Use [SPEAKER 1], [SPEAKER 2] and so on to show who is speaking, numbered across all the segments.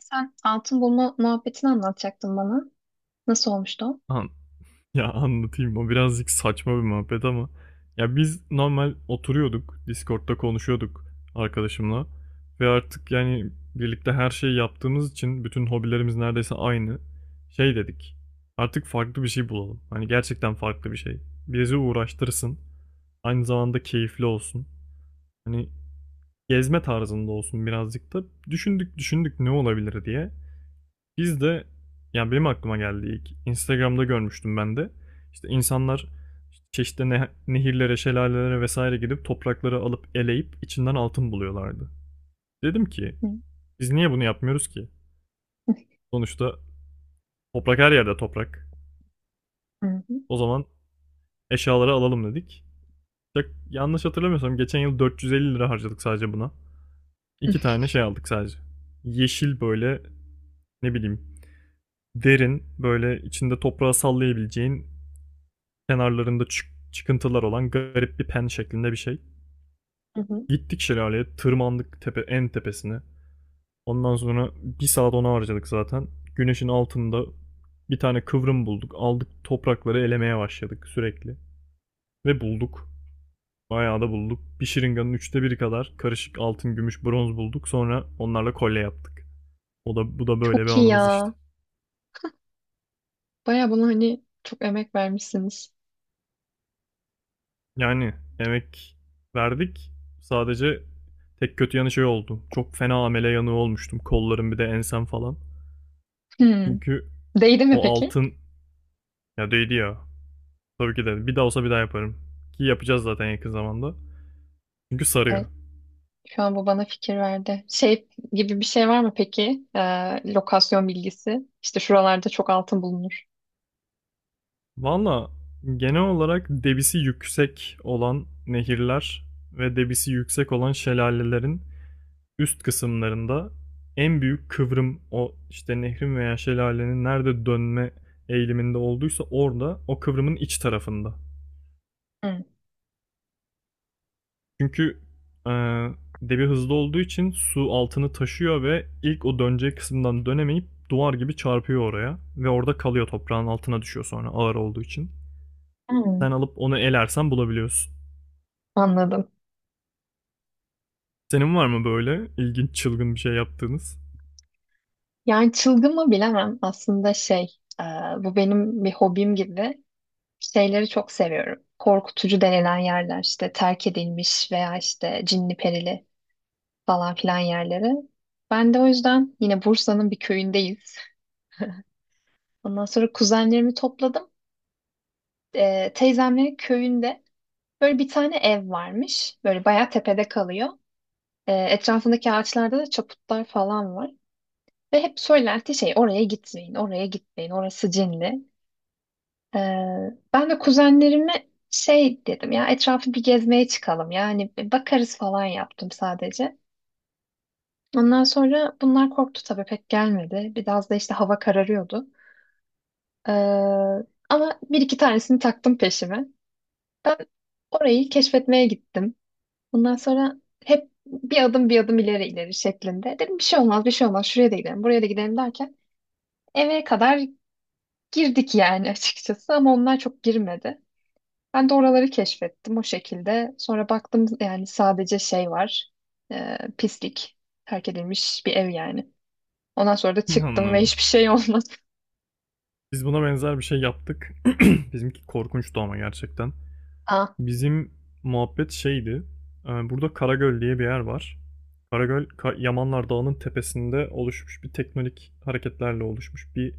[SPEAKER 1] Sen altın bulma muhabbetini anlatacaktın bana. Nasıl olmuştu o?
[SPEAKER 2] An ya anlatayım, o birazcık saçma bir muhabbet ama ya, biz normal oturuyorduk, Discord'da konuşuyorduk arkadaşımla. Ve artık yani birlikte her şeyi yaptığımız için bütün hobilerimiz neredeyse aynı, şey dedik, artık farklı bir şey bulalım, hani gerçekten farklı bir şey bizi uğraştırsın, aynı zamanda keyifli olsun, hani gezme tarzında olsun birazcık da. Düşündük düşündük ne olabilir diye. Biz de, yani benim aklıma geldi ilk. Instagram'da görmüştüm ben de. İşte insanlar çeşitli nehirlere, şelalelere vesaire gidip toprakları alıp eleyip içinden altın buluyorlardı. Dedim ki
[SPEAKER 1] Hı.
[SPEAKER 2] biz niye bunu yapmıyoruz ki? Sonuçta toprak her yerde toprak.
[SPEAKER 1] Hı hı.
[SPEAKER 2] O zaman eşyaları alalım dedik. Çok yanlış hatırlamıyorsam geçen yıl 450 lira harcadık sadece buna. İki tane şey aldık sadece. Yeşil böyle, ne bileyim, derin böyle, içinde toprağı sallayabileceğin, kenarlarında çıkıntılar olan garip bir pen şeklinde bir şey.
[SPEAKER 1] Hı hı.
[SPEAKER 2] Gittik şelaleye, tırmandık tepe en tepesine. Ondan sonra bir saat ona harcadık zaten. Güneşin altında bir tane kıvrım bulduk. Aldık toprakları elemeye başladık sürekli. Ve bulduk. Bayağı da bulduk. Bir şırınganın 1/3'i kadar karışık altın, gümüş, bronz bulduk. Sonra onlarla kolye yaptık. O da bu da, böyle bir
[SPEAKER 1] Çok iyi
[SPEAKER 2] anımız işte.
[SPEAKER 1] ya. Baya buna hani çok emek vermişsiniz.
[SPEAKER 2] Yani emek verdik. Sadece tek kötü yanı şey oldu, çok fena amele yanığı olmuştum. Kollarım, bir de ensem falan.
[SPEAKER 1] Hı.
[SPEAKER 2] Çünkü
[SPEAKER 1] Değdi mi
[SPEAKER 2] o
[SPEAKER 1] peki?
[SPEAKER 2] altın, ya değdi ya. Tabii ki de. Bir daha olsa bir daha yaparım. Ki yapacağız zaten yakın zamanda. Çünkü sarıyor.
[SPEAKER 1] Evet, şu an bu bana fikir verdi. Şey gibi bir şey var mı peki? Lokasyon bilgisi. İşte şuralarda çok altın bulunur.
[SPEAKER 2] Valla genel olarak debisi yüksek olan nehirler ve debisi yüksek olan şelalelerin üst kısımlarında, en büyük kıvrım o işte, nehrin veya şelalenin nerede dönme eğiliminde olduysa orada, o kıvrımın iç tarafında.
[SPEAKER 1] Hı.
[SPEAKER 2] Çünkü e, debi hızlı olduğu için su altını taşıyor ve ilk o döneceği kısımdan dönemeyip duvar gibi çarpıyor oraya ve orada kalıyor, toprağın altına düşüyor sonra ağır olduğu için.
[SPEAKER 1] Hı.
[SPEAKER 2] Sen alıp onu elersen bulabiliyorsun.
[SPEAKER 1] Anladım.
[SPEAKER 2] Senin var mı böyle ilginç çılgın bir şey yaptığınız?
[SPEAKER 1] Yani çılgın mı bilemem. Aslında şey, bu benim bir hobim gibi. Şeyleri çok seviyorum. Korkutucu denilen yerler işte terk edilmiş veya işte cinli perili falan filan yerleri. Ben de o yüzden yine Bursa'nın bir köyündeyiz. Ondan sonra kuzenlerimi topladım. Teyzemlerin köyünde böyle bir tane ev varmış. Böyle bayağı tepede kalıyor. Etrafındaki ağaçlarda da çaputlar falan var. Ve hep söylenti şey oraya gitmeyin, oraya gitmeyin, orası cinli. Ee, ben de kuzenlerime şey dedim ya etrafı bir gezmeye çıkalım yani bir bakarız falan yaptım sadece. Ondan sonra bunlar korktu tabii pek gelmedi. Biraz da işte hava kararıyordu. Ee, ama bir iki tanesini taktım peşime. Ben orayı keşfetmeye gittim. Ondan sonra hep bir adım bir adım ileri ileri şeklinde. Dedim bir şey olmaz bir şey olmaz şuraya da gidelim buraya da gidelim derken eve kadar girdik yani açıkçası ama onlar çok girmedi. Ben de oraları keşfettim o şekilde. Sonra baktım yani sadece şey var. Pislik. Terk edilmiş bir ev yani. Ondan sonra da çıktım ve
[SPEAKER 2] Anladım.
[SPEAKER 1] hiçbir şey olmadı.
[SPEAKER 2] Biz buna benzer bir şey yaptık. Bizimki korkunçtu ama gerçekten.
[SPEAKER 1] Ah.
[SPEAKER 2] Bizim muhabbet şeydi. Burada Karagöl diye bir yer var. Karagöl, Yamanlar Dağı'nın tepesinde oluşmuş bir teknonik hareketlerle oluşmuş bir,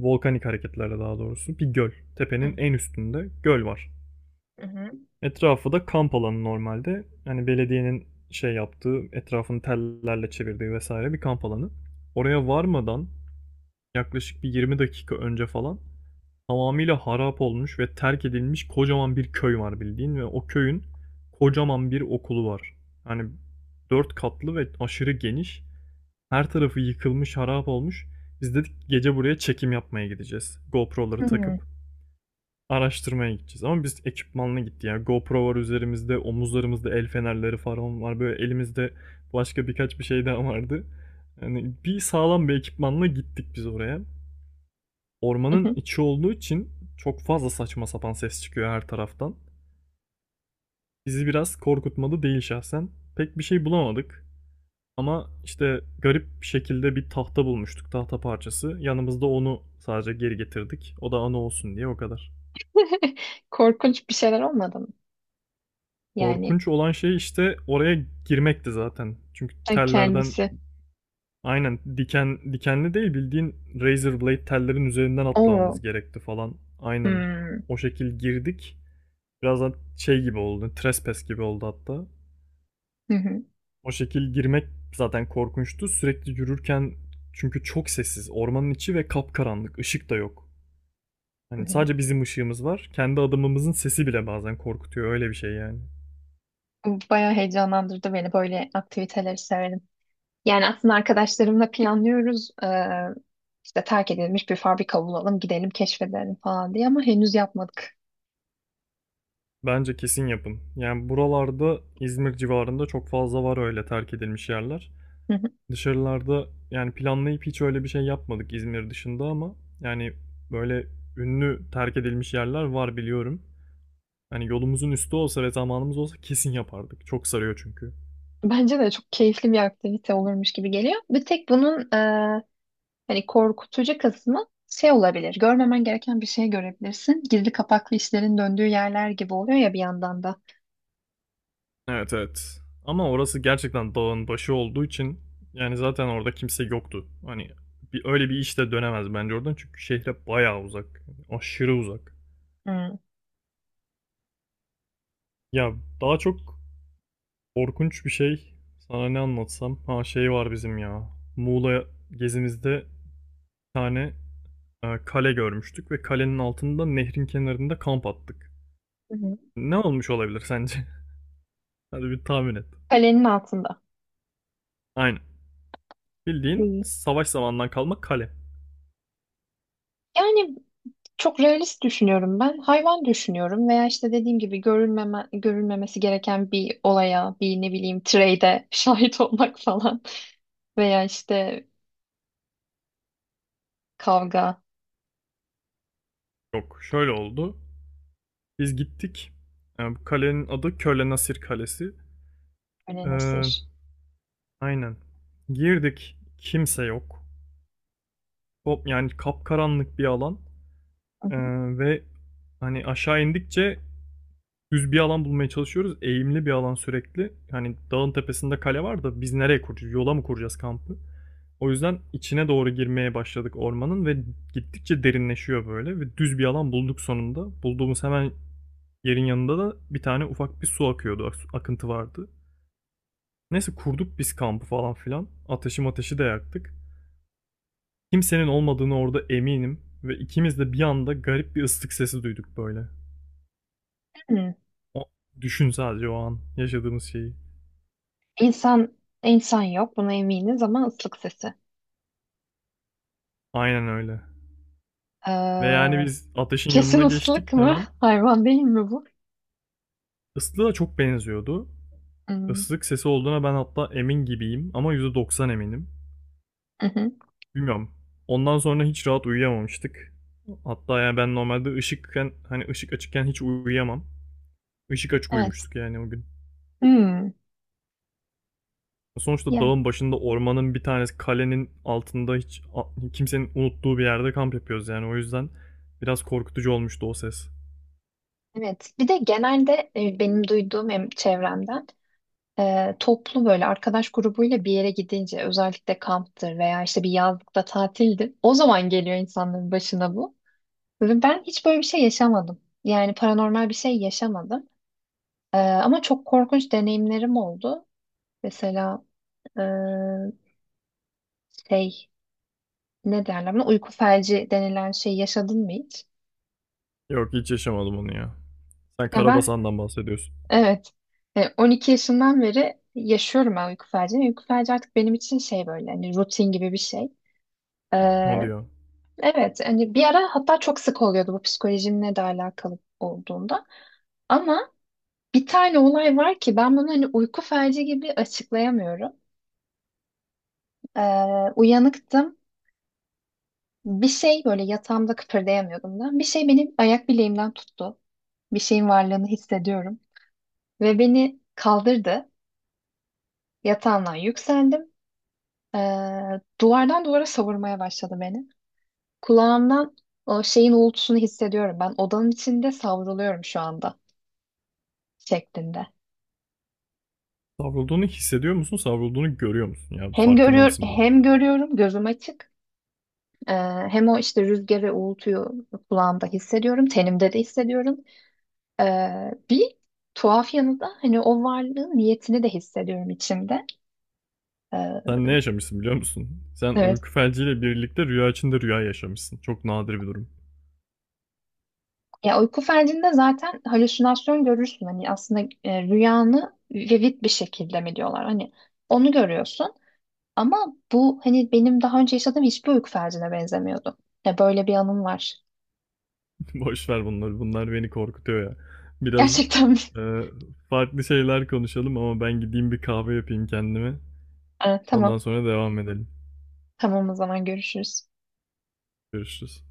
[SPEAKER 2] volkanik hareketlerle daha doğrusu, bir göl. Tepenin en üstünde göl var.
[SPEAKER 1] Hı hı.
[SPEAKER 2] Etrafı da kamp alanı normalde. Hani belediyenin şey yaptığı, etrafını tellerle çevirdiği vesaire bir kamp alanı. Oraya varmadan yaklaşık bir 20 dakika önce falan, tamamıyla harap olmuş ve terk edilmiş kocaman bir köy var bildiğin ve o köyün kocaman bir okulu var. Hani 4 katlı ve aşırı geniş. Her tarafı yıkılmış, harap olmuş. Biz dedik gece buraya çekim yapmaya gideceğiz, GoPro'ları
[SPEAKER 1] Hmm.
[SPEAKER 2] takıp araştırmaya gideceğiz. Ama biz ekipmanla gittik. Yani GoPro var üzerimizde, omuzlarımızda el fenerleri falan var, böyle elimizde başka birkaç bir şey daha vardı. Yani bir sağlam bir ekipmanla gittik biz oraya. Ormanın içi olduğu için çok fazla saçma sapan ses çıkıyor her taraftan. Bizi biraz korkutmadı değil şahsen. Pek bir şey bulamadık. Ama işte garip bir şekilde bir tahta bulmuştuk, tahta parçası. Yanımızda onu sadece geri getirdik. O da anı olsun diye, o kadar.
[SPEAKER 1] Korkunç bir şeyler olmadı mı? Yani
[SPEAKER 2] Korkunç olan şey işte oraya girmekti zaten. Çünkü tellerden,
[SPEAKER 1] kendisi.
[SPEAKER 2] aynen diken dikenli değil bildiğin, razor blade tellerin üzerinden
[SPEAKER 1] Oo.
[SPEAKER 2] atlamamız gerekti falan. Aynen
[SPEAKER 1] Hmm.
[SPEAKER 2] o şekil girdik. Birazdan şey gibi oldu, trespass gibi oldu hatta.
[SPEAKER 1] Hı hı.
[SPEAKER 2] O şekil girmek zaten korkunçtu. Sürekli yürürken, çünkü çok sessiz. Ormanın içi ve kapkaranlık. Işık da yok.
[SPEAKER 1] Hı
[SPEAKER 2] Hani
[SPEAKER 1] hı.
[SPEAKER 2] sadece bizim ışığımız var. Kendi adımımızın sesi bile bazen korkutuyor. Öyle bir şey yani.
[SPEAKER 1] Bu bayağı heyecanlandırdı beni. Böyle aktiviteleri severim. Yani aslında arkadaşlarımla planlıyoruz. İşte terk edilmiş bir fabrika bulalım, gidelim keşfedelim falan diye ama henüz yapmadık.
[SPEAKER 2] Bence kesin yapın. Yani buralarda İzmir civarında çok fazla var öyle terk edilmiş yerler.
[SPEAKER 1] Hı hı.
[SPEAKER 2] Dışarılarda yani planlayıp hiç öyle bir şey yapmadık İzmir dışında ama, yani, böyle ünlü terk edilmiş yerler var biliyorum. Hani yolumuzun üstü olsa ve zamanımız olsa kesin yapardık. Çok sarıyor çünkü.
[SPEAKER 1] Bence de çok keyifli bir aktivite olurmuş gibi geliyor. Bir tek bunun hani korkutucu kısmı şey olabilir. Görmemen gereken bir şey görebilirsin. Gizli kapaklı işlerin döndüğü yerler gibi oluyor ya bir yandan da.
[SPEAKER 2] Evet evet. Ama orası gerçekten dağın başı olduğu için, yani zaten orada kimse yoktu. Hani bir, öyle bir iş de dönemez bence oradan, çünkü şehre bayağı uzak. Aşırı uzak.
[SPEAKER 1] Hmm.
[SPEAKER 2] Ya daha çok korkunç bir şey. Sana ne anlatsam? Ha, şey var bizim ya. Muğla gezimizde tane kale görmüştük ve kalenin altında nehrin kenarında kamp attık.
[SPEAKER 1] Hı hı.
[SPEAKER 2] Ne olmuş olabilir sence? Hadi bir tahmin et.
[SPEAKER 1] Kalenin altında.
[SPEAKER 2] Aynen. Bildiğin
[SPEAKER 1] Hı.
[SPEAKER 2] savaş zamanından kalma kale.
[SPEAKER 1] Yani çok realist düşünüyorum ben. Hayvan düşünüyorum veya işte dediğim gibi görülmeme, görülmemesi gereken bir olaya, bir ne bileyim trade'e şahit olmak falan. Veya işte kavga,
[SPEAKER 2] Yok, şöyle oldu. Biz gittik. Bu kalenin adı Köle Nasir Kalesi.
[SPEAKER 1] öyle
[SPEAKER 2] E,
[SPEAKER 1] nasır.
[SPEAKER 2] aynen. Girdik. Kimse yok. Top, yani kapkaranlık bir alan. E, ve hani aşağı indikçe düz bir alan bulmaya çalışıyoruz. Eğimli bir alan sürekli. Hani dağın tepesinde kale var da biz nereye kuracağız? Yola mı kuracağız kampı? O yüzden içine doğru girmeye başladık ormanın ve gittikçe derinleşiyor böyle ve düz bir alan bulduk sonunda. Bulduğumuz hemen yerin yanında da bir tane ufak bir su akıyordu. Akıntı vardı. Neyse kurduk biz kampı falan filan. Ateşi de yaktık. Kimsenin olmadığını orada eminim ve ikimiz de bir anda garip bir ıslık sesi duyduk böyle.
[SPEAKER 1] Hmm.
[SPEAKER 2] O, düşün sadece o an yaşadığımız şeyi.
[SPEAKER 1] İnsan, insan yok buna eminiz ama ıslık sesi.
[SPEAKER 2] Aynen öyle. Ve yani
[SPEAKER 1] Ee,
[SPEAKER 2] biz ateşin
[SPEAKER 1] kesin
[SPEAKER 2] yanına geçtik
[SPEAKER 1] ıslık mı?
[SPEAKER 2] hemen.
[SPEAKER 1] Hayvan değil mi bu?
[SPEAKER 2] Islığa çok benziyordu.
[SPEAKER 1] Hmm.
[SPEAKER 2] Islık sesi olduğuna ben hatta emin gibiyim ama %90 eminim.
[SPEAKER 1] Hı hı.
[SPEAKER 2] Bilmiyorum. Ondan sonra hiç rahat uyuyamamıştık. Hatta yani ben normalde ışıkken, hani ışık açıkken hiç uyuyamam. Işık açık
[SPEAKER 1] Evet.
[SPEAKER 2] uyumuştuk yani o gün.
[SPEAKER 1] Hmm.
[SPEAKER 2] Sonuçta
[SPEAKER 1] Yani
[SPEAKER 2] dağın başında ormanın bir tanesi kalenin altında hiç kimsenin unuttuğu bir yerde kamp yapıyoruz yani, o yüzden biraz korkutucu olmuştu o ses.
[SPEAKER 1] evet. Bir de genelde benim duyduğum hem çevremden toplu böyle arkadaş grubuyla bir yere gidince özellikle kamptır veya işte bir yazlıkta tatildir. O zaman geliyor insanların başına bu. Ve ben hiç böyle bir şey yaşamadım. Yani paranormal bir şey yaşamadım. Ama çok korkunç deneyimlerim oldu. Mesela e, şey ne derler buna uyku felci denilen şey yaşadın mı hiç?
[SPEAKER 2] Yok, hiç yaşamadım onu ya. Sen
[SPEAKER 1] Ya ben
[SPEAKER 2] Karabasan'dan bahsediyorsun.
[SPEAKER 1] evet 12 yaşından beri yaşıyorum ben uyku felcini. Uyku felci artık benim için şey böyle hani rutin gibi bir şey.
[SPEAKER 2] O diyor.
[SPEAKER 1] Evet, hani bir ara hatta çok sık oluyordu bu psikolojimle de alakalı olduğunda. Ama bir tane olay var ki ben bunu hani uyku felci gibi açıklayamıyorum. Uyanıktım. Bir şey böyle yatağımda kıpırdayamıyordum da. Bir şey benim ayak bileğimden tuttu. Bir şeyin varlığını hissediyorum. Ve beni kaldırdı. Yatağımdan yükseldim. Ee, duvardan duvara savurmaya başladı beni. Kulağımdan o şeyin uğultusunu hissediyorum. Ben odanın içinde savruluyorum şu anda şeklinde.
[SPEAKER 2] Savrulduğunu hissediyor musun? Savrulduğunu görüyor musun? Ya
[SPEAKER 1] Hem
[SPEAKER 2] farkında
[SPEAKER 1] görüyor
[SPEAKER 2] mısın bu?
[SPEAKER 1] hem görüyorum gözüm açık. Ee, hem o işte rüzgarı, uğultuyu kulağımda hissediyorum, tenimde de hissediyorum. Ee, bir tuhaf yanı da hani o varlığın niyetini de hissediyorum içimde. Ee,
[SPEAKER 2] Sen ne yaşamışsın biliyor musun? Sen
[SPEAKER 1] evet.
[SPEAKER 2] uyku felciyle birlikte rüya içinde rüya yaşamışsın. Çok nadir bir durum.
[SPEAKER 1] Ya uyku felcinde zaten halüsinasyon görürsün. Hani aslında rüyanı vivid bir şekilde mi diyorlar? Hani onu görüyorsun. Ama bu hani benim daha önce yaşadığım hiçbir uyku felcine benzemiyordu. Ya böyle bir anım var.
[SPEAKER 2] Boş ver bunları. Bunlar beni korkutuyor ya. Biraz
[SPEAKER 1] Gerçekten mi?
[SPEAKER 2] e, farklı şeyler konuşalım ama ben gideyim bir kahve yapayım kendime.
[SPEAKER 1] Tamam.
[SPEAKER 2] Ondan sonra devam edelim.
[SPEAKER 1] Tamam o zaman görüşürüz.
[SPEAKER 2] Görüşürüz.